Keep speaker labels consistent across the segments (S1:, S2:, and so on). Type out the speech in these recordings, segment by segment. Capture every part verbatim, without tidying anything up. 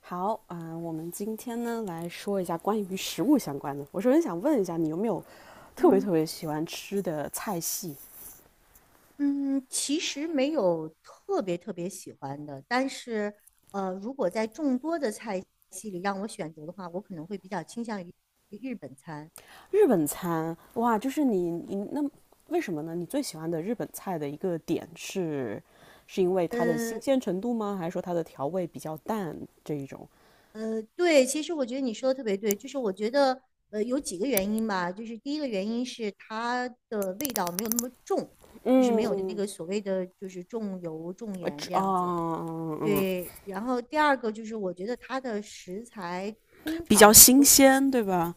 S1: 好啊、呃我们今天呢来说一下关于食物相关的。我首先想问一下，你有没有特别特
S2: 嗯
S1: 别喜欢吃的菜系？
S2: 嗯，其实没有特别特别喜欢的，但是呃，如果在众多的菜系里让我选择的话，我可能会比较倾向于日本餐。
S1: 日本餐，哇，就是你你那为什么呢？你最喜欢的日本菜的一个点是，是因为它的新
S2: 呃
S1: 鲜程度吗？还是说它的调味比较淡这一种？
S2: 呃，对，其实我觉得你说的特别对，就是我觉得呃有几个原因吧，就是第一个原因是它的味道没有那么重，就是没有那
S1: 嗯，
S2: 个所谓的就是重油重
S1: 呃，
S2: 盐这
S1: 啊，
S2: 样子。
S1: 呃嗯，嗯嗯
S2: 对，然后第二个就是我觉得它的食材通
S1: 比较
S2: 常，
S1: 新鲜，对吧？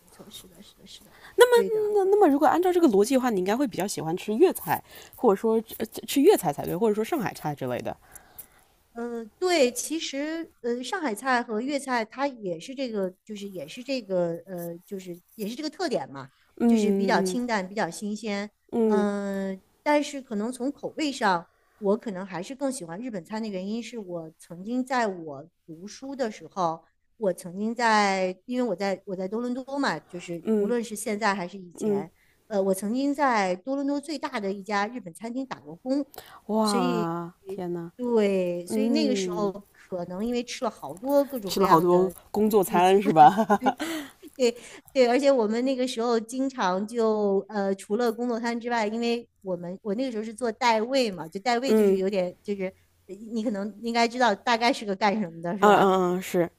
S2: 没错，是的，是的，是的，
S1: 那
S2: 对的。
S1: 么，那那么如果按照这个逻辑的话，你应该会比较喜欢吃粤菜，或者说呃吃粤菜才对，或者说上海菜之类的。
S2: 嗯、对，其实呃，上海菜和粤菜它也是这个，就是也是这个呃，就是也是这个特点嘛，就是比较
S1: 嗯嗯
S2: 清淡，比较新鲜。
S1: 嗯
S2: 嗯、但是可能从口味上，我可能还是更喜欢日本餐的原因是我曾经在我读书的时候，我曾经在，因为我在我在多伦多嘛，就是无论是现在还是以
S1: 嗯，嗯。
S2: 前，呃，我曾经在多伦多最大的一家日本餐厅打过工。所以，
S1: 哇，天呐，
S2: 对，所以那个时候
S1: 嗯，
S2: 可能因为吃了好多各种
S1: 吃
S2: 各
S1: 了好
S2: 样
S1: 多
S2: 的
S1: 工作
S2: 日餐，
S1: 餐是吧？
S2: 对对，而且我们那个时候经常就呃，除了工作餐之外，因为我们我那个时候是做代位嘛，就代位就是
S1: 嗯
S2: 有点就是呃你可能应该知道大概是个干什么的，是
S1: 嗯
S2: 吧？
S1: 嗯嗯是，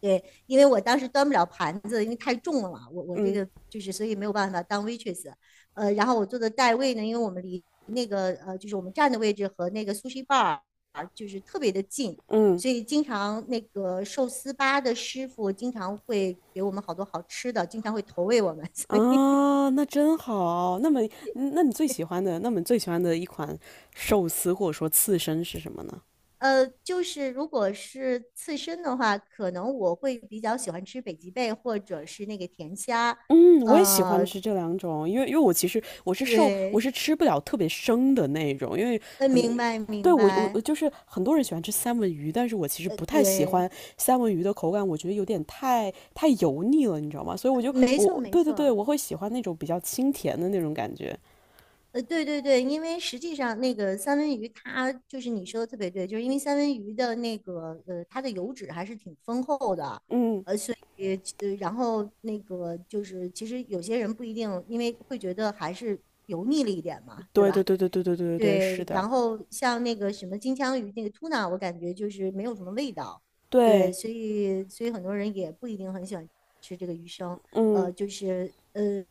S2: 对，因为我当时端不了盘子，因为太重了，我我这
S1: 嗯
S2: 个就是所以没有办法当 waitress。呃，然后我做的代位呢，因为我们离那个呃就是我们站的位置和那个 sushi bar 就是特别的近，
S1: 嗯。
S2: 所以经常那个寿司吧的师傅经常会给我们好多好吃的，经常会投喂我们。所以
S1: 啊，那真好。那么，那你最喜欢的，那么你最喜欢的一款寿司或者说刺身是什么呢？
S2: 呃，就是如果是刺身的话，可能我会比较喜欢吃北极贝或者是那个甜虾。
S1: 嗯，我也喜欢
S2: 呃，
S1: 吃这两种，因为因为我其实我是受我
S2: 对，
S1: 是吃不了特别生的那种，因为
S2: 呃，
S1: 很
S2: 明白
S1: 对
S2: 明
S1: 我我我
S2: 白。
S1: 就是很多人喜欢吃三文鱼，但是我其实不太喜欢
S2: 对，
S1: 三文鱼的口感，我觉得有点太太油腻了，你知道吗？所以我就
S2: 没错
S1: 我
S2: 没
S1: 对对对，
S2: 错，
S1: 我会喜欢那种比较清甜的那种感觉。
S2: 呃，对对对，因为实际上那个三文鱼它就是你说的特别对，就是因为三文鱼的那个呃它的油脂还是挺丰厚的，
S1: 嗯，
S2: 呃，所以呃然后那个就是其实有些人不一定，因为会觉得还是油腻了一点嘛，对
S1: 对对
S2: 吧？
S1: 对对对对对对对，是
S2: 对，
S1: 的，
S2: 然后像那个什么金枪鱼那个 tuna，我感觉就是没有什么味道，对，
S1: 对，
S2: 所以所以很多人也不一定很喜欢吃这个鱼生，
S1: 嗯
S2: 呃，就是呃，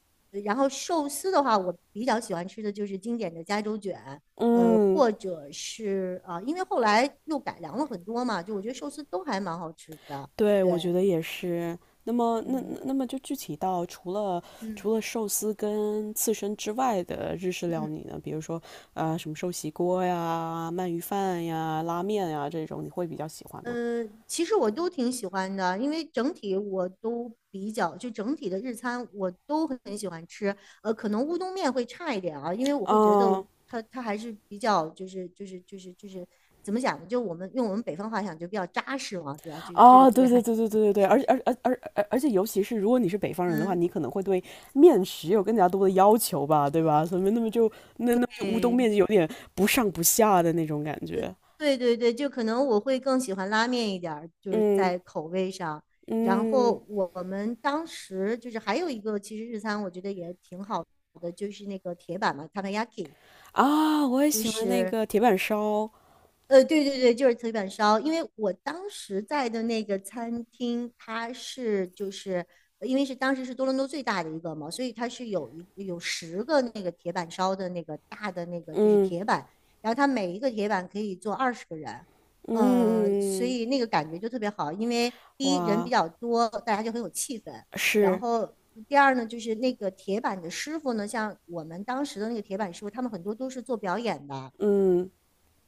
S2: 然后寿司的话，我比较喜欢吃的就是经典的加州卷，呃，
S1: 嗯。
S2: 或者是啊、呃因为后来又改良了很多嘛，就我觉得寿司都还蛮好吃的，
S1: 对，我觉
S2: 对，
S1: 得也是。那么，那
S2: 嗯
S1: 那那么就具体到除了
S2: 嗯
S1: 除了寿司跟刺身之外的日式料
S2: 嗯。
S1: 理呢，比如说呃什么寿喜锅呀、鳗鱼饭呀、拉面呀这种，你会比较喜欢吗？
S2: 呃，其实我都挺喜欢的，因为整体我都比较，就整体的日餐我都很喜欢吃。呃，可能乌冬面会差一点啊，因为我会觉得
S1: 嗯，
S2: 它它还是比较就是就是就是就是怎么讲呢？就我们用我们北方话讲就比较扎实嘛，对吧？就这个
S1: 啊，
S2: 这
S1: 对
S2: 个
S1: 对
S2: 还
S1: 对对对对对，而且而而而而而且尤其是如果你是北方人的话，
S2: 嗯，
S1: 你可能会对面食有更加多的要求吧，对吧？所以那么就那那么就乌冬
S2: 对，
S1: 面就有点不上不下的那种感
S2: 呃，
S1: 觉。
S2: 对对对，就可能我会更喜欢拉面一点儿，就是
S1: 嗯
S2: 在口味上。然
S1: 嗯。
S2: 后我们当时就是还有一个，其实日餐我觉得也挺好的，就是那个铁板嘛 t a k a y a k i
S1: 啊，我也
S2: 就
S1: 喜欢那
S2: 是
S1: 个铁板烧，
S2: 呃，对对对，就是铁板烧。因为我当时在的那个餐厅，它是就是呃因为是当时是多伦多最大的一个嘛，所以它是有一有十个那个铁板烧的那个大的那个就是
S1: 嗯
S2: 铁板，然后它每一个铁板可以坐二十个人，
S1: 嗯
S2: 嗯、所
S1: 嗯嗯，
S2: 以那个感觉就特别好。因为第一人比
S1: 哇，
S2: 较多，大家就很有气氛，然
S1: 是，
S2: 后。第二呢，就是那个铁板的师傅呢，像我们当时的那个铁板师傅，他们很多都是做表演的，
S1: 嗯，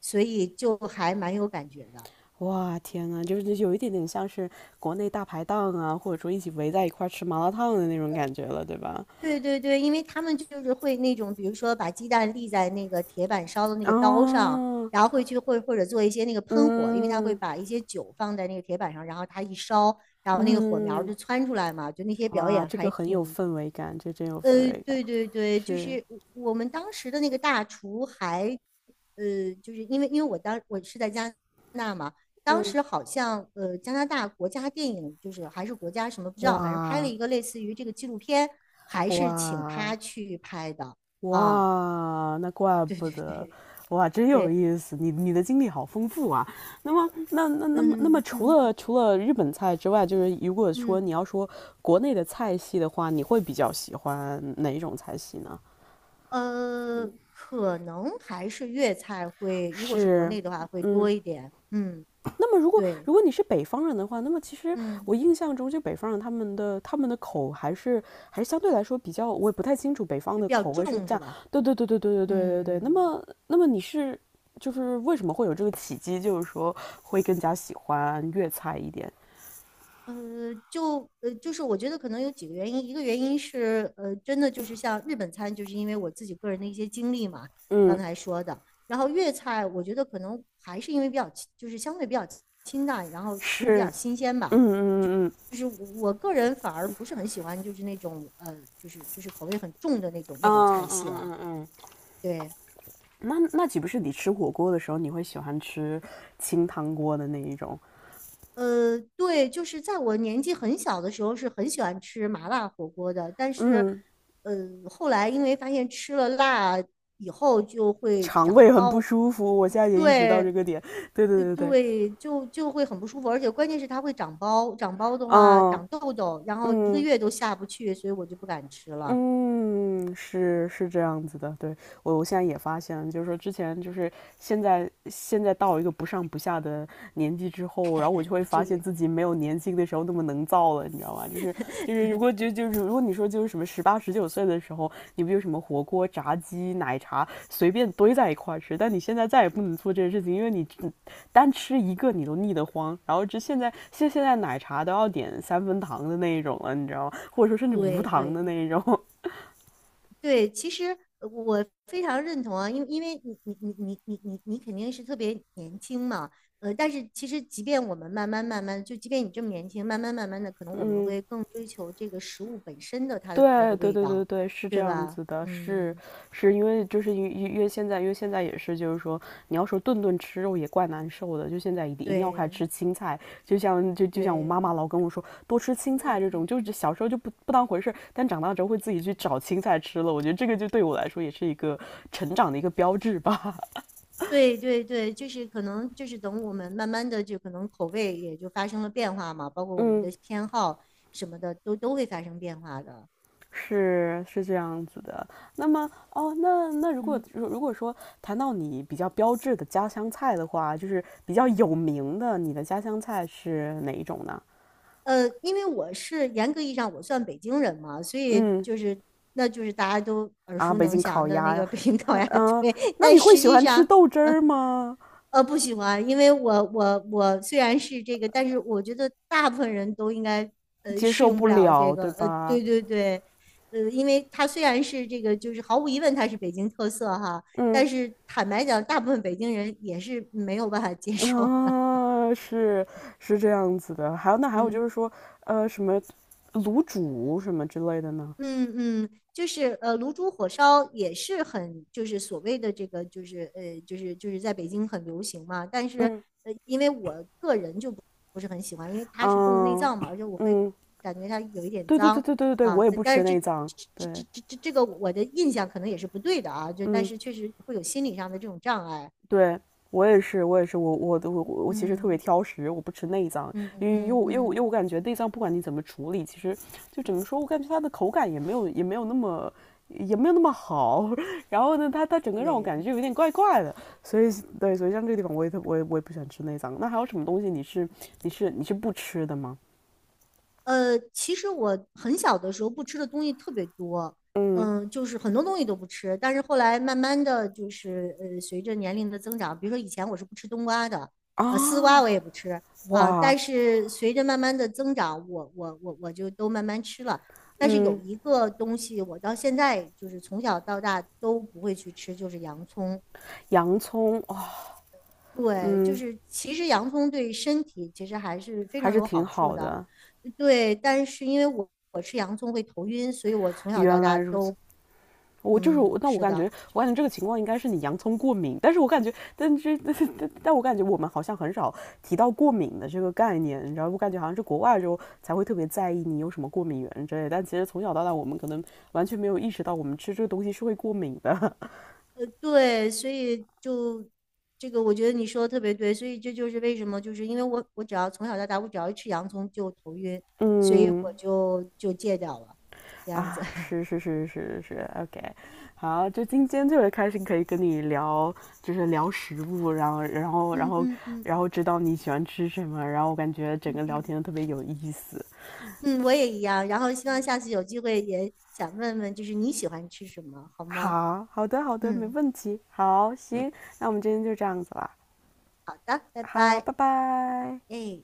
S2: 所以就还蛮有感觉的。
S1: 哇，天呐，就是有一点点像是国内大排档啊，或者说一起围在一块儿吃麻辣烫的那种感觉了，对吧？
S2: 对对对，因为他们就是会那种，比如说把鸡蛋立在那个铁板烧的那个刀上，
S1: 啊，
S2: 然后会去会或者做一些那个喷火，因为他会
S1: 嗯
S2: 把一些酒放在那个铁板上，然后它一烧，然后那个火苗
S1: 嗯，
S2: 就窜出来嘛，就那些表
S1: 哇，
S2: 演
S1: 这个
S2: 还
S1: 很有
S2: 挺
S1: 氛围感，这真有氛
S2: 呃，
S1: 围感，
S2: 对对对，就
S1: 是，
S2: 是我我们当时的那个大厨还，呃，就是因为因为我当我是在加拿大嘛，当
S1: 嗯，
S2: 时好像呃加拿大国家电影就是还是国家什么不知道，反正拍了
S1: 哇
S2: 一个类似于这个纪录片，还是请
S1: 哇。
S2: 他去拍的啊，
S1: 哇，那怪
S2: 对
S1: 不
S2: 对
S1: 得，
S2: 对
S1: 哇，真有
S2: 对，
S1: 意思，你你的经历好丰富啊。那么，那那那么那么，
S2: 嗯
S1: 除
S2: 嗯
S1: 了除了日本菜之外，就是如果说你
S2: 嗯，
S1: 要说国内的菜系的话，你会比较喜欢哪一种菜系呢？
S2: 呃，可能还是粤菜会，如果是国
S1: 是，
S2: 内的话会多
S1: 嗯，
S2: 一点，嗯，
S1: 那么，如果
S2: 对，
S1: 如果你是北方人的话，那么其实
S2: 嗯，
S1: 我印象中，就北方人他们的他们的口还是还是相对来说比较，我也不太清楚北方
S2: 比
S1: 的
S2: 较
S1: 口味是
S2: 重
S1: 这
S2: 是
S1: 样。
S2: 吧？
S1: 对对对对对对对对对。那
S2: 嗯，
S1: 么，那么你是就是为什么会有这个契机，就是说会更加喜欢粤菜一点？
S2: 呃，就呃，就是我觉得可能有几个原因，一个原因是，呃，真的就是像日本餐，就是因为我自己个人的一些经历嘛，刚
S1: 嗯，
S2: 才说的。然后粤菜，我觉得可能还是因为比较清就是相对比较清淡，然后食物比
S1: 是，
S2: 较新鲜
S1: 嗯
S2: 吧。
S1: 嗯嗯
S2: 就是我我个人反而不是很喜欢，就是那种呃，就是就是口味很重的那种那
S1: 嗯
S2: 种菜
S1: 嗯
S2: 系
S1: 嗯嗯
S2: 了。
S1: 嗯嗯。
S2: 对，
S1: 那那岂不是你吃火锅的时候，你会喜欢吃清汤锅的那一种？
S2: 呃，对，就是在我年纪很小的时候是很喜欢吃麻辣火锅的，但是，
S1: 嗯
S2: 呃，后来因为发现吃了辣以后就会
S1: 肠
S2: 长
S1: 胃很不
S2: 包，
S1: 舒服，我现在也意识
S2: 对，
S1: 到这个点。对对
S2: 呃
S1: 对对，
S2: 对，就就会很不舒服，而且关键是它会长包，长包的话
S1: 嗯
S2: 长痘痘，然后一个
S1: 嗯，
S2: 月都下不去，所以我就不敢吃了。
S1: 嗯，是是这样子的，对，我我现在也发现就是说之前就是现在现在到一个不上不下的年纪之后，然后我就会
S2: 不至
S1: 发现
S2: 于，
S1: 自己没有年轻的时候那么能造了，你知道吗？就是就 是如果就就是如果你说就是什么十八十九岁的时候，你不就什么火锅、炸鸡、奶茶随便堆在一块儿吃，但你现在再也不能做这些事情，因为你单吃一个你都腻得慌，然后这现在现现在奶茶都要点三分糖的那一种了，你知道吗？或者说甚至无
S2: 对
S1: 糖的
S2: 对。
S1: 那一种。
S2: 对，其实呃我非常认同啊，因为因为你你你你你你你肯定是特别年轻嘛，呃，但是其实即便我们慢慢慢慢，就即便你这么年轻，慢慢慢慢的，可能我们
S1: 嗯，
S2: 会更追求这个食物本身的它的那
S1: 对
S2: 个
S1: 对
S2: 味
S1: 对对
S2: 道，
S1: 对，是这
S2: 对
S1: 样
S2: 吧？
S1: 子的，是
S2: 嗯，
S1: 是因为就是因为因为现在因为现在也是就是说，你要说顿顿吃肉也怪难受的，就现在一定一定要开始
S2: 对
S1: 吃青菜，就像就就像我
S2: 对，
S1: 妈妈老跟我说多吃青菜这
S2: 嗯，
S1: 种，就是小时候就不不当回事但长大之后会自己去找青菜吃了，我觉得这个就对我来说也是一个成长的一个标志吧。
S2: 对对对，就是可能就是等我们慢慢的就可能口味也就发生了变化嘛，包括 我们
S1: 嗯。
S2: 的偏好什么的都都会发生变化的，
S1: 是是这样子的。那么哦，那那如果
S2: 嗯
S1: 如如果说谈到你比较标志的家乡菜的话，就是比较有
S2: 嗯。
S1: 名的，你的家乡菜是哪一种呢？
S2: 呃，因为我是严格意义上我算北京人嘛，所以
S1: 嗯。
S2: 就是那就是大家都耳
S1: 啊，
S2: 熟
S1: 北
S2: 能
S1: 京
S2: 详
S1: 烤
S2: 的那
S1: 鸭呀，
S2: 个北京烤鸭
S1: 嗯、
S2: 对，
S1: 那
S2: 但
S1: 你会
S2: 实
S1: 喜
S2: 际
S1: 欢吃
S2: 上
S1: 豆汁儿吗？
S2: 呃不喜欢，因为我我我虽然是这个，但是我觉得大部分人都应该呃
S1: 接
S2: 适
S1: 受
S2: 用
S1: 不
S2: 不了这
S1: 了，
S2: 个，
S1: 对
S2: 呃
S1: 吧？
S2: 对对对，呃因为它虽然是这个就是毫无疑问它是北京特色哈，但
S1: 嗯。
S2: 是坦白讲，大部分北京人也是没有办法接受的。
S1: 啊，是是这样子的。还有那还有就
S2: 嗯。
S1: 是说，呃，什么卤煮什么之类的呢？
S2: 嗯嗯，就是呃，卤煮火烧也是很，就是所谓的这个，就是呃，就是就是在北京很流行嘛，但是
S1: 嗯
S2: 不是很喜欢，因为它是动物内
S1: 嗯
S2: 脏嘛，而且我会
S1: 嗯。
S2: 感觉它有一点
S1: 对对对
S2: 脏
S1: 对对对对，我
S2: 啊，
S1: 也
S2: 但
S1: 不
S2: 但是
S1: 吃
S2: 这
S1: 内脏。
S2: 这这
S1: 对，
S2: 这这这个我的印象可能也是不对的啊，就但
S1: 嗯，
S2: 是确实会有心理上的这种障碍，
S1: 对我也是，我也是，我我我我其实特别
S2: 嗯
S1: 挑食，我不吃内脏，
S2: 嗯
S1: 因为因又
S2: 嗯
S1: 因为我因
S2: 嗯，
S1: 为我感觉内脏不管你怎么处理，其实就怎么说，我感觉它的口感也没有也没有那么也没有那么好。然后呢，它它整个让我感觉
S2: 对，
S1: 就有点怪怪的，所以对，所以像这个地方我也特我也我也不喜欢吃内脏。那还有什么东西你是你是你是不吃的吗？
S2: 呃，其实我很小的时候不吃的东西特别多，
S1: 嗯
S2: 嗯，就是很多东西都不吃。但是后来慢慢的就是，呃，随着年龄的增长，比如说以前我是不吃冬瓜的，呃，丝瓜
S1: 啊
S2: 我也不吃啊。
S1: 哇
S2: 但是随着慢慢的增长，我我我我就都慢慢吃了。但是有
S1: 嗯，
S2: 一个东西，我到现在就是从小到大都不会去吃，就是洋葱。
S1: 洋葱哦
S2: 对，就
S1: 嗯
S2: 是其实洋葱对身体其实还是非
S1: 还
S2: 常
S1: 是
S2: 有
S1: 挺
S2: 好处
S1: 好
S2: 的，
S1: 的。
S2: 对。但是因为我我吃洋葱会头晕，所以我从小到
S1: 原
S2: 大
S1: 来如此，
S2: 都
S1: 我就是我，
S2: 嗯
S1: 那我
S2: 是
S1: 感觉，
S2: 的，
S1: 我感觉这个情况应该是你洋葱过敏，但是我感觉，但是但是但我感觉我们好像很少提到过敏的这个概念，你知道，我感觉好像是国外之后才会特别在意你有什么过敏源之类的，但其实从小到大我们可能完全没有意识到我们吃这个东西是会过敏的，
S2: 呃对，所以就这个我觉得你说的特别对，所以这就是为什么就是因为我我只要从小到大我只要一吃洋葱就头晕，所以我
S1: 嗯，
S2: 就就戒掉了，这样子。
S1: 啊，是是是是是，OK，好，就今天特别开心，可以跟你聊，就是聊食物，然后然后然
S2: 嗯
S1: 后
S2: 嗯
S1: 然
S2: 嗯
S1: 后知道你喜欢吃什么，然后我感觉整个
S2: 嗯
S1: 聊
S2: 嗯，
S1: 天特别有意思。
S2: 嗯，我也一样。然后希望下次有机会也想问问，就是你喜欢吃什么，好吗？
S1: 好好的好的，没
S2: 嗯。
S1: 问题。好，行，那我们今天就这样子了。
S2: 拜
S1: 好，
S2: 拜，
S1: 拜拜。
S2: 哎。